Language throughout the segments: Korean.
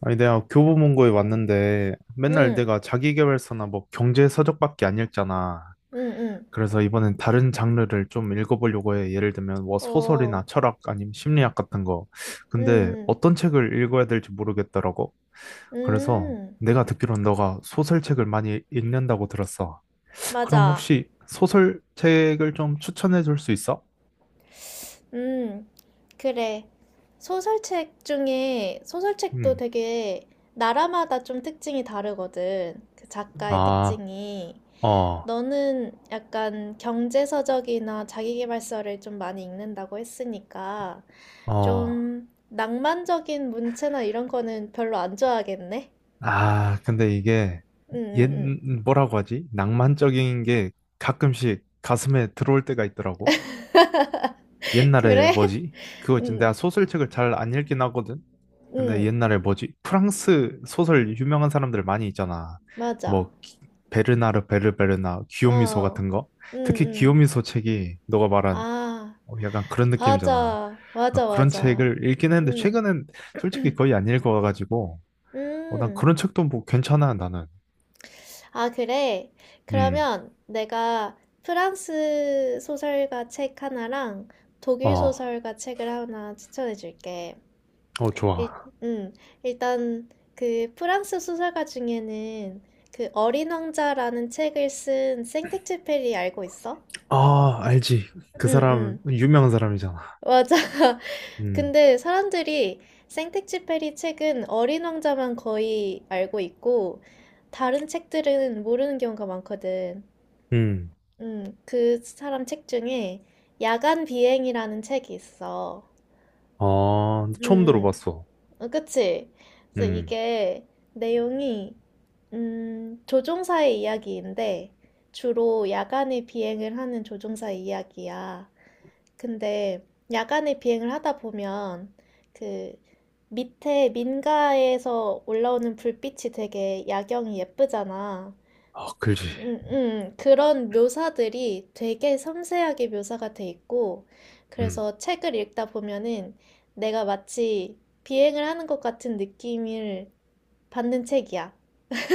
아니, 내가 교보문고에 왔는데 맨날 응, 내가 자기계발서나 뭐 경제 서적밖에 안 읽잖아. 응, 응. 그래서 이번엔 다른 장르를 좀 읽어보려고 해. 예를 들면 뭐 어, 소설이나 철학 아니면 심리학 같은 거. 근데 응, 어떤 책을 읽어야 될지 모르겠더라고. 그래서 응. 내가 듣기로는 너가 소설책을 많이 읽는다고 들었어. 그럼 맞아. 혹시 소설책을 좀 추천해 줄 수 있어? 응, 그래. 소설책도 음. 되게 나라마다 좀 특징이 다르거든. 그 작가의 아, 특징이. 어, 너는 약간 경제서적이나 자기계발서를 좀 많이 읽는다고 했으니까, 어. 좀 낭만적인 문체나 이런 거는 별로 안 좋아하겠네? 아, 근데 이게 응, 응, 옛 응. 뭐라고 하지? 낭만적인 게 가끔씩 가슴에 들어올 때가 있더라고. 옛날에 그래? 뭐지? 그거 있지. 응, 내가 소설책을 잘 안 읽긴 하거든. 근데 응. 옛날에 뭐지? 프랑스 소설 유명한 사람들 많이 있잖아. 맞아. 뭐 베르나르 베르베르나 기요미소 어, 같은 거. 응, 특히 응. 기요미소 책이 너가 말한 아, 어, 약간 그런 느낌이잖아. 맞아. 어, 맞아, 그런 맞아. 책을 읽긴 했는데 응, 최근엔 솔직히 거의 안 읽어가지고 어, 난 음. 그런 책도 뭐 괜찮아 나는. 아, 그래. 음. 그러면 내가 프랑스 소설가 책 하나랑 독일 어, 소설가 책을 하나 추천해 줄게. 어, 일, 좋아. 음, 일단 그 프랑스 소설가 중에는 그 어린 왕자라는 책을 쓴 생텍쥐페리 알고 있어? 아, 알지. 그 응, 사람, 응. 유명한 사람이잖아. 맞아. 음, 근데 사람들이 생텍쥐 페리 책은 어린 왕자만 거의 알고 있고 다른 책들은 모르는 경우가 많거든. 음. 그 사람 책 중에 야간 비행이라는 책이 있어. 어, 처음 음, 들어봤어. 그치? 그래서 음, 이게 내용이 조종사의 이야기인데 주로 야간에 비행을 하는 조종사의 이야기야. 근데 야간에 비행을 하다 보면 그 밑에 민가에서 올라오는 불빛이 되게 야경이 예쁘잖아. 아, 그지. 그런 묘사들이 되게 섬세하게 묘사가 돼 있고, 음. 그래서 책을 읽다 보면은 내가 마치 비행을 하는 것 같은 느낌을 받는 책이야.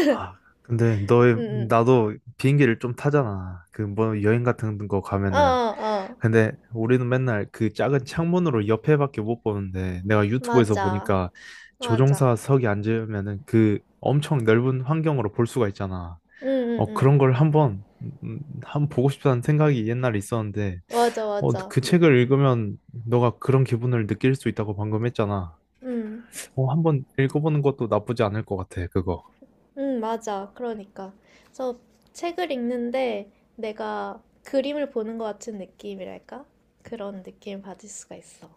아, 근데 응, 응. 나도 비행기를 좀 타잖아. 그 뭐 여행 같은 거 어, 가면은. 어, 어. 근데 우리는 맨날 그 작은 창문으로 옆에밖에 못 보는데 내가 유튜브에서 맞아. 보니까 맞아. 조종사석에 앉으면은 그 엄청 넓은 환경으로 볼 수가 있잖아. 응, 응, 어, 응. 그런 걸 한번 한번 보고 싶다는 생각이 옛날에 있었는데 맞아, 어, 맞아. 그 책을 읽으면 너가 그런 기분을 느낄 수 있다고 방금 했잖아. 응. 어, 한번 읽어보는 것도 나쁘지 않을 것 같아, 그거. 응, 맞아. 그러니까. 그래서 책을 읽는데 내가 그림을 보는 것 같은 느낌이랄까? 그런 느낌을 받을 수가 있어.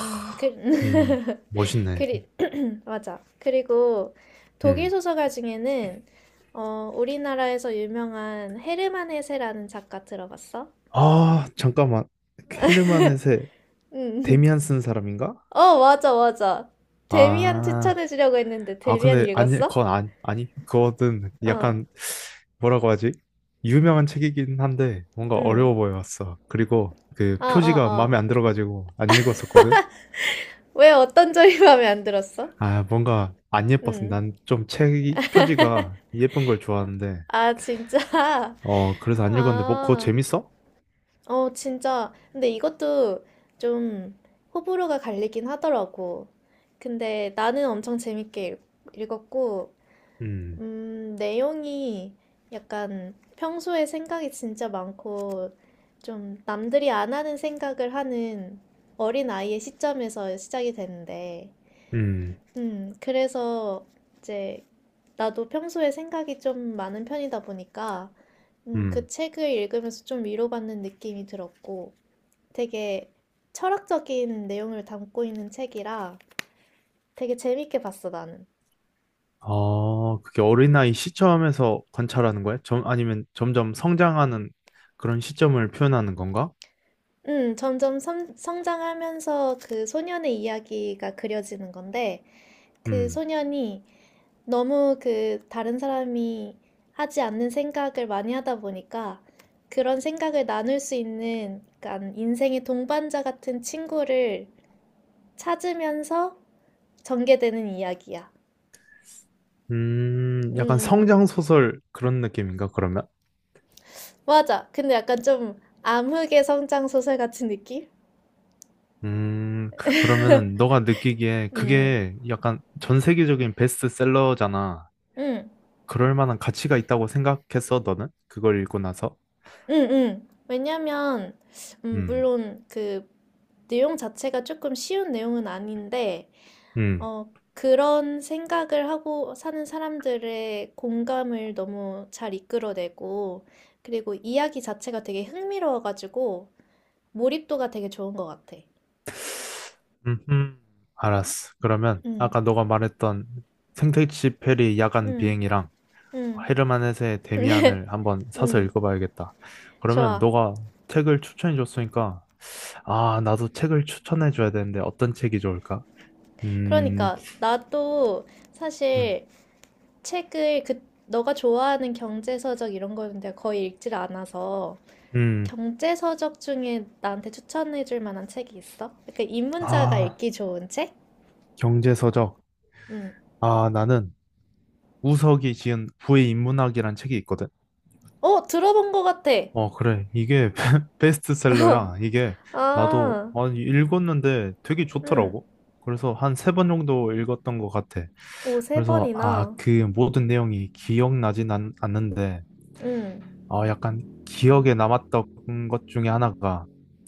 음, 그, 음, 멋있네. 그리, 맞아. 그리고 독일 음. 소설가 중에는 우리나라에서 유명한 헤르만 헤세라는 작가 들어봤어? 아, 잠깐만. 헤르만 헤세 응. 데미안 쓴 사람인가? 어, 맞아, 맞아. 데미안 아, 추천해주려고 했는데 아, 데미안 근데 아니, 읽었어? 그건 안, 아니, 그거는 어, 약간 뭐라고 하지? 유명한 책이긴 한데 뭔가 응. 어려워 보였어. 그리고 그 아, 아, 표지가 마음에 아. 안 들어가지고 안 읽었었거든. 왜 어떤 점이 마음에 안 들었어? 아, 뭔가 안 예뻤어. 응. 난 좀 책이 표지가 예쁜 걸 좋아하는데 아, 진짜? 어, 그래서 안 읽었는데 뭐 그거 아, 재밌어? 진짜. 근데 이것도 좀 호불호가 갈리긴 하더라고. 근데 나는 엄청 재밌게 읽었고, 음, 내용이 약간 평소에 생각이 진짜 많고, 좀 남들이 안 하는 생각을 하는 어린 아이의 시점에서 시작이 되는데, 음, 그래서 이제 나도 평소에 생각이 좀 많은 편이다 보니까 그 음. 책을 읽으면서 좀 위로받는 느낌이 들었고 되게 철학적인 내용을 담고 있는 책이라 되게 재밌게 봤어, 나는. 어, 그게 어린아이 시점에서 관찰하는 거야? 아니면 점점 성장하는 그런 시점을 표현하는 건가? 점점 성장하면서 그 소년의 이야기가 그려지는 건데 그 음. 소년이 너무 그 다른 사람이 하지 않는 생각을 많이 하다 보니까 그런 생각을 나눌 수 있는 약간 인생의 동반자 같은 친구를 찾으면서 전개되는 이야기야. 약간 음, 성장 소설 그런 느낌인가, 그러면? 맞아. 근데 약간 좀 암흑의 성장 소설 같은 느낌? 음, 그러면은 너가 느끼기에 음, 그게 약간 전 세계적인 베스트셀러잖아. 음, 그럴 만한 가치가 있다고 생각했어, 너는? 그걸 읽고 나서? 음. 왜냐면, 음, 물론 그 내용 자체가 조금 쉬운 내용은 아닌데, 음, 그런 생각을 하고 사는 사람들의 공감을 너무 잘 이끌어내고, 그리고 이야기 자체가 되게 흥미로워가지고, 몰입도가 되게 좋은 것 같아. 음, 음. 알았어. 그러면 응, 아까 너가 말했던 생택시 페리 야간 응, 비행이랑 응, 헤르만 헤세의 데미안을 한번 사서 응, 읽어봐야겠다. 그러면 좋아. 너가 책을 추천해줬으니까, 아, 나도 책을 추천해줘야 되는데 어떤 책이 좋을까? 음, 그러니까, 나도 음, 사실 책을 너가 좋아하는 경제서적 이런 거는 내가 거의 읽질 않아서, 음. 경제서적 중에 나한테 추천해줄 만한 책이 있어? 그러니까 입문자가 아, 읽기 좋은 책? 경제서적. 응. 아, 나는 우석이 지은 부의 인문학이란 책이 있거든. 어, 들어본 것 같아. 어, 그래. 이게 베스트셀러야. 이게 나도 아, 아니, 읽었는데 되게 응. 좋더라고. 그래서 한 3번 정도 읽었던 것 같아. 오, 세 그래서 아, 번이나. 그 모든 내용이 기억나진 않는데, 응, 아, 약간 기억에 남았던 것 중에 하나가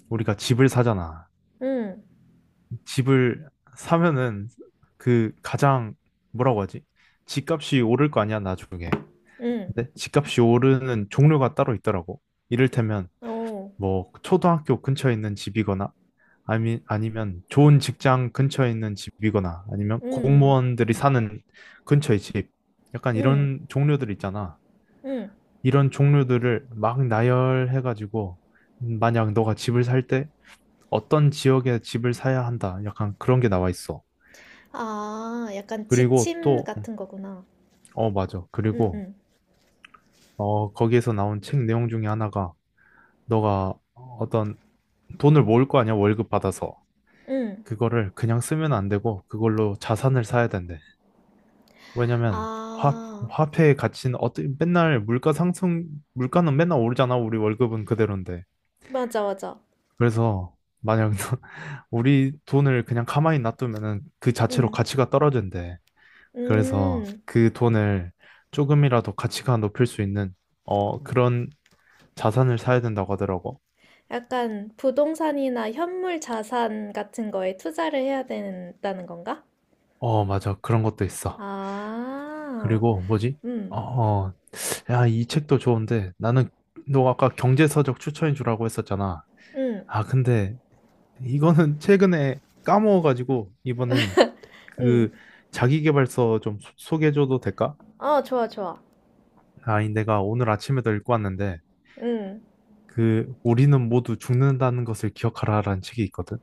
우리가 집을 사잖아. 응, 집을 사면은 그 가장 뭐라고 하지? 집값이 오를 거 아니야, 나중에. 응. 근데 집값이 오르는 종류가 따로 있더라고. 이를테면 오, 뭐 초등학교 근처에 있는 집이거나 아니, 아니면 좋은 직장 근처에 있는 집이거나 아니면 응, 공무원들이 사는 근처의 집. 약간 응, 응, 이런 종류들 있잖아. 응. 이런 종류들을 막 나열해가지고 만약 너가 집을 살 때 어떤 지역에 집을 사야 한다. 약간 그런 게 나와 있어. 아, 약간 그리고 지침 또, 같은 거구나. 어, 맞아. 응, 그리고, 응, 어, 거기에서 나온 책 내용 중에 하나가, 너가 어떤 돈을 모을 거 아니야, 월급 받아서. 응. 그거를 그냥 쓰면 안 되고, 그걸로 자산을 사야 된대. 왜냐면, 아, 화폐의 가치는 어때, 맨날 물가 상승, 물가는 맨날 오르잖아, 우리 월급은 그대로인데. 맞아, 맞아. 그래서, 만약 우리 돈을 그냥 가만히 놔두면은 그 자체로 응, 가치가 떨어진대. 그래서 음. 그 돈을 조금이라도 가치가 높일 수 있는 어 그런 자산을 사야 된다고 하더라고. 약간 부동산이나 현물 자산 같은 거에 투자를 해야 된다는 건가? 어 맞아 그런 것도 있어. 아, 그리고 뭐지? 응, 어, 어, 야, 이 책도 좋은데 나는 너 아까 경제서적 추천해 주라고 했었잖아. 응, 아 근데 이거는 최근에 까먹어가지고 이번엔 응. 그 자기계발서 좀 소개해줘도 될까? 어, 좋아, 좋아. 아, 이 내가 오늘 아침에도 읽고 왔는데 응. 그 우리는 모두 죽는다는 것을 기억하라라는 책이 있거든.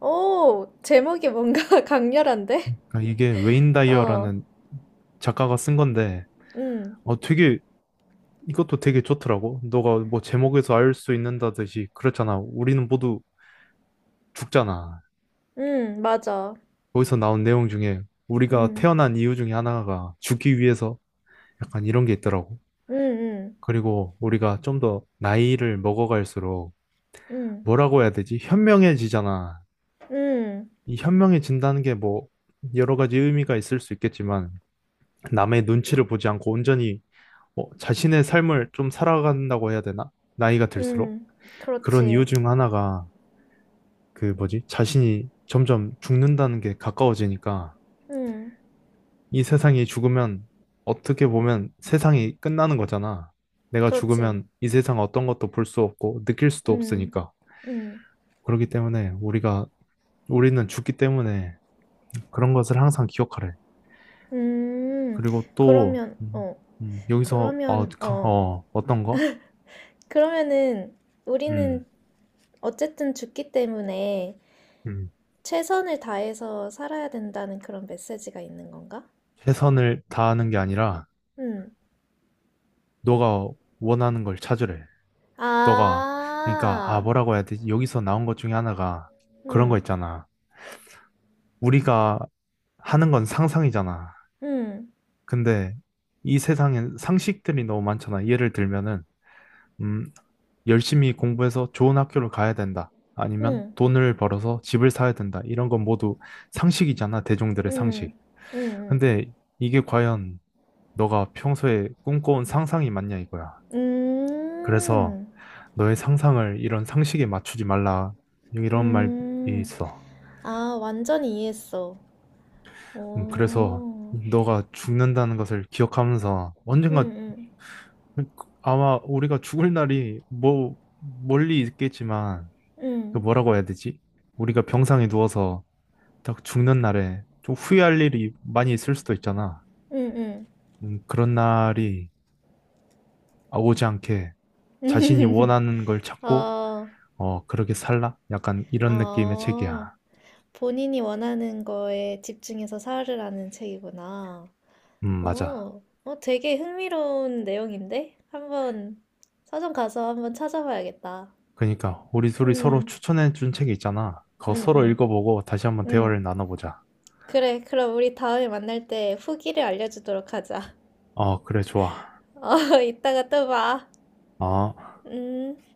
오, 제목이 뭔가 강렬한데? 아, 이게 웨인 어, 다이어라는 작가가 쓴 건데, 음, 어, 되게, 이것도 되게 좋더라고. 너가 뭐 제목에서 알 수 있는다듯이, 그렇잖아. 우리는 모두 죽잖아. 맞아. 거기서 나온 내용 중에, 우리가 음, 태어난 이유 중에 하나가 죽기 위해서 약간 이런 게 있더라고. 음, 그리고 우리가 좀 더 나이를 먹어갈수록, 음, 뭐라고 해야 되지? 현명해지잖아. 음, 음, 이 현명해진다는 게 뭐, 여러 가지 의미가 있을 수 있겠지만, 남의 눈치를 보지 않고 온전히 뭐 자신의 삶을 좀 살아간다고 해야 되나? 나이가 들수록 음, 그런 이유 그렇지. 중 하나가 그 뭐지? 자신이 점점 죽는다는 게 가까워지니까 음, 이 세상이 죽으면 어떻게 보면 세상이 끝나는 거잖아. 내가 그렇지. 죽으면 이 세상 어떤 것도 볼 수 없고 느낄 수도 음, 없으니까. 음, 그렇기 때문에 우리가 우리는 죽기 때문에 그런 것을 항상 기억하래. 음, 그리고 또 그러면, 어, 여기서 그러면, 어, 어떤 거? 그러면은 우리는 음, 어쨌든 죽기 때문에 음, 최선을 다해서 살아야 된다는 그런 메시지가 있는 건가? 최선을 다하는 게 아니라 음, 너가 원하는 걸 찾으래. 너가 그러니까 아 아, 뭐라고 해야 되지? 여기서 나온 것 중에 하나가 그런 거 음, 있잖아. 우리가 하는 건 상상이잖아. 음. 근데 이 세상엔 상식들이 너무 많잖아. 예를 들면은 음, 열심히 공부해서 좋은 학교를 가야 된다. 아니면 응, 돈을 벌어서 집을 사야 된다. 이런 건 모두 상식이잖아. 대중들의 응, 상식. 응, 근데 이게 과연 너가 평소에 꿈꿔온 상상이 맞냐 이거야. 응. 그래서 너의 상상을 이런 상식에 맞추지 말라. 이런 말이 음. 있어. 아, 완전히 이해했어. 그래서 오, 너가 죽는다는 것을 기억하면서 응, 언젠가 응, 아마 우리가 죽을 날이 뭐 멀리 있겠지만 그 응, 뭐라고 해야 되지? 우리가 병상에 누워서 딱 죽는 날에 좀 후회할 일이 많이 있을 수도 있잖아. 응, 그런 날이 오지 않게 자신이 응. 원하는 걸 찾고 어, 어 그렇게 살라? 약간 이런 느낌의 어, 책이야. 본인이 원하는 거에 집중해서 살으라는 책이구나. 맞아. 어, 되게 흥미로운 내용인데? 한번 서점 가서 한번 찾아봐야겠다. 그니까 우리 둘이 서로 응, 추천해 준 책이 있잖아. 그거 응, 서로 응, 읽어보고 다시 한번 응. 대화를 나눠보자. 그래, 그럼 우리 다음에 만날 때 후기를 알려주도록 하자. 어, 그래, 좋아. 이따가 또 봐. 어. 음.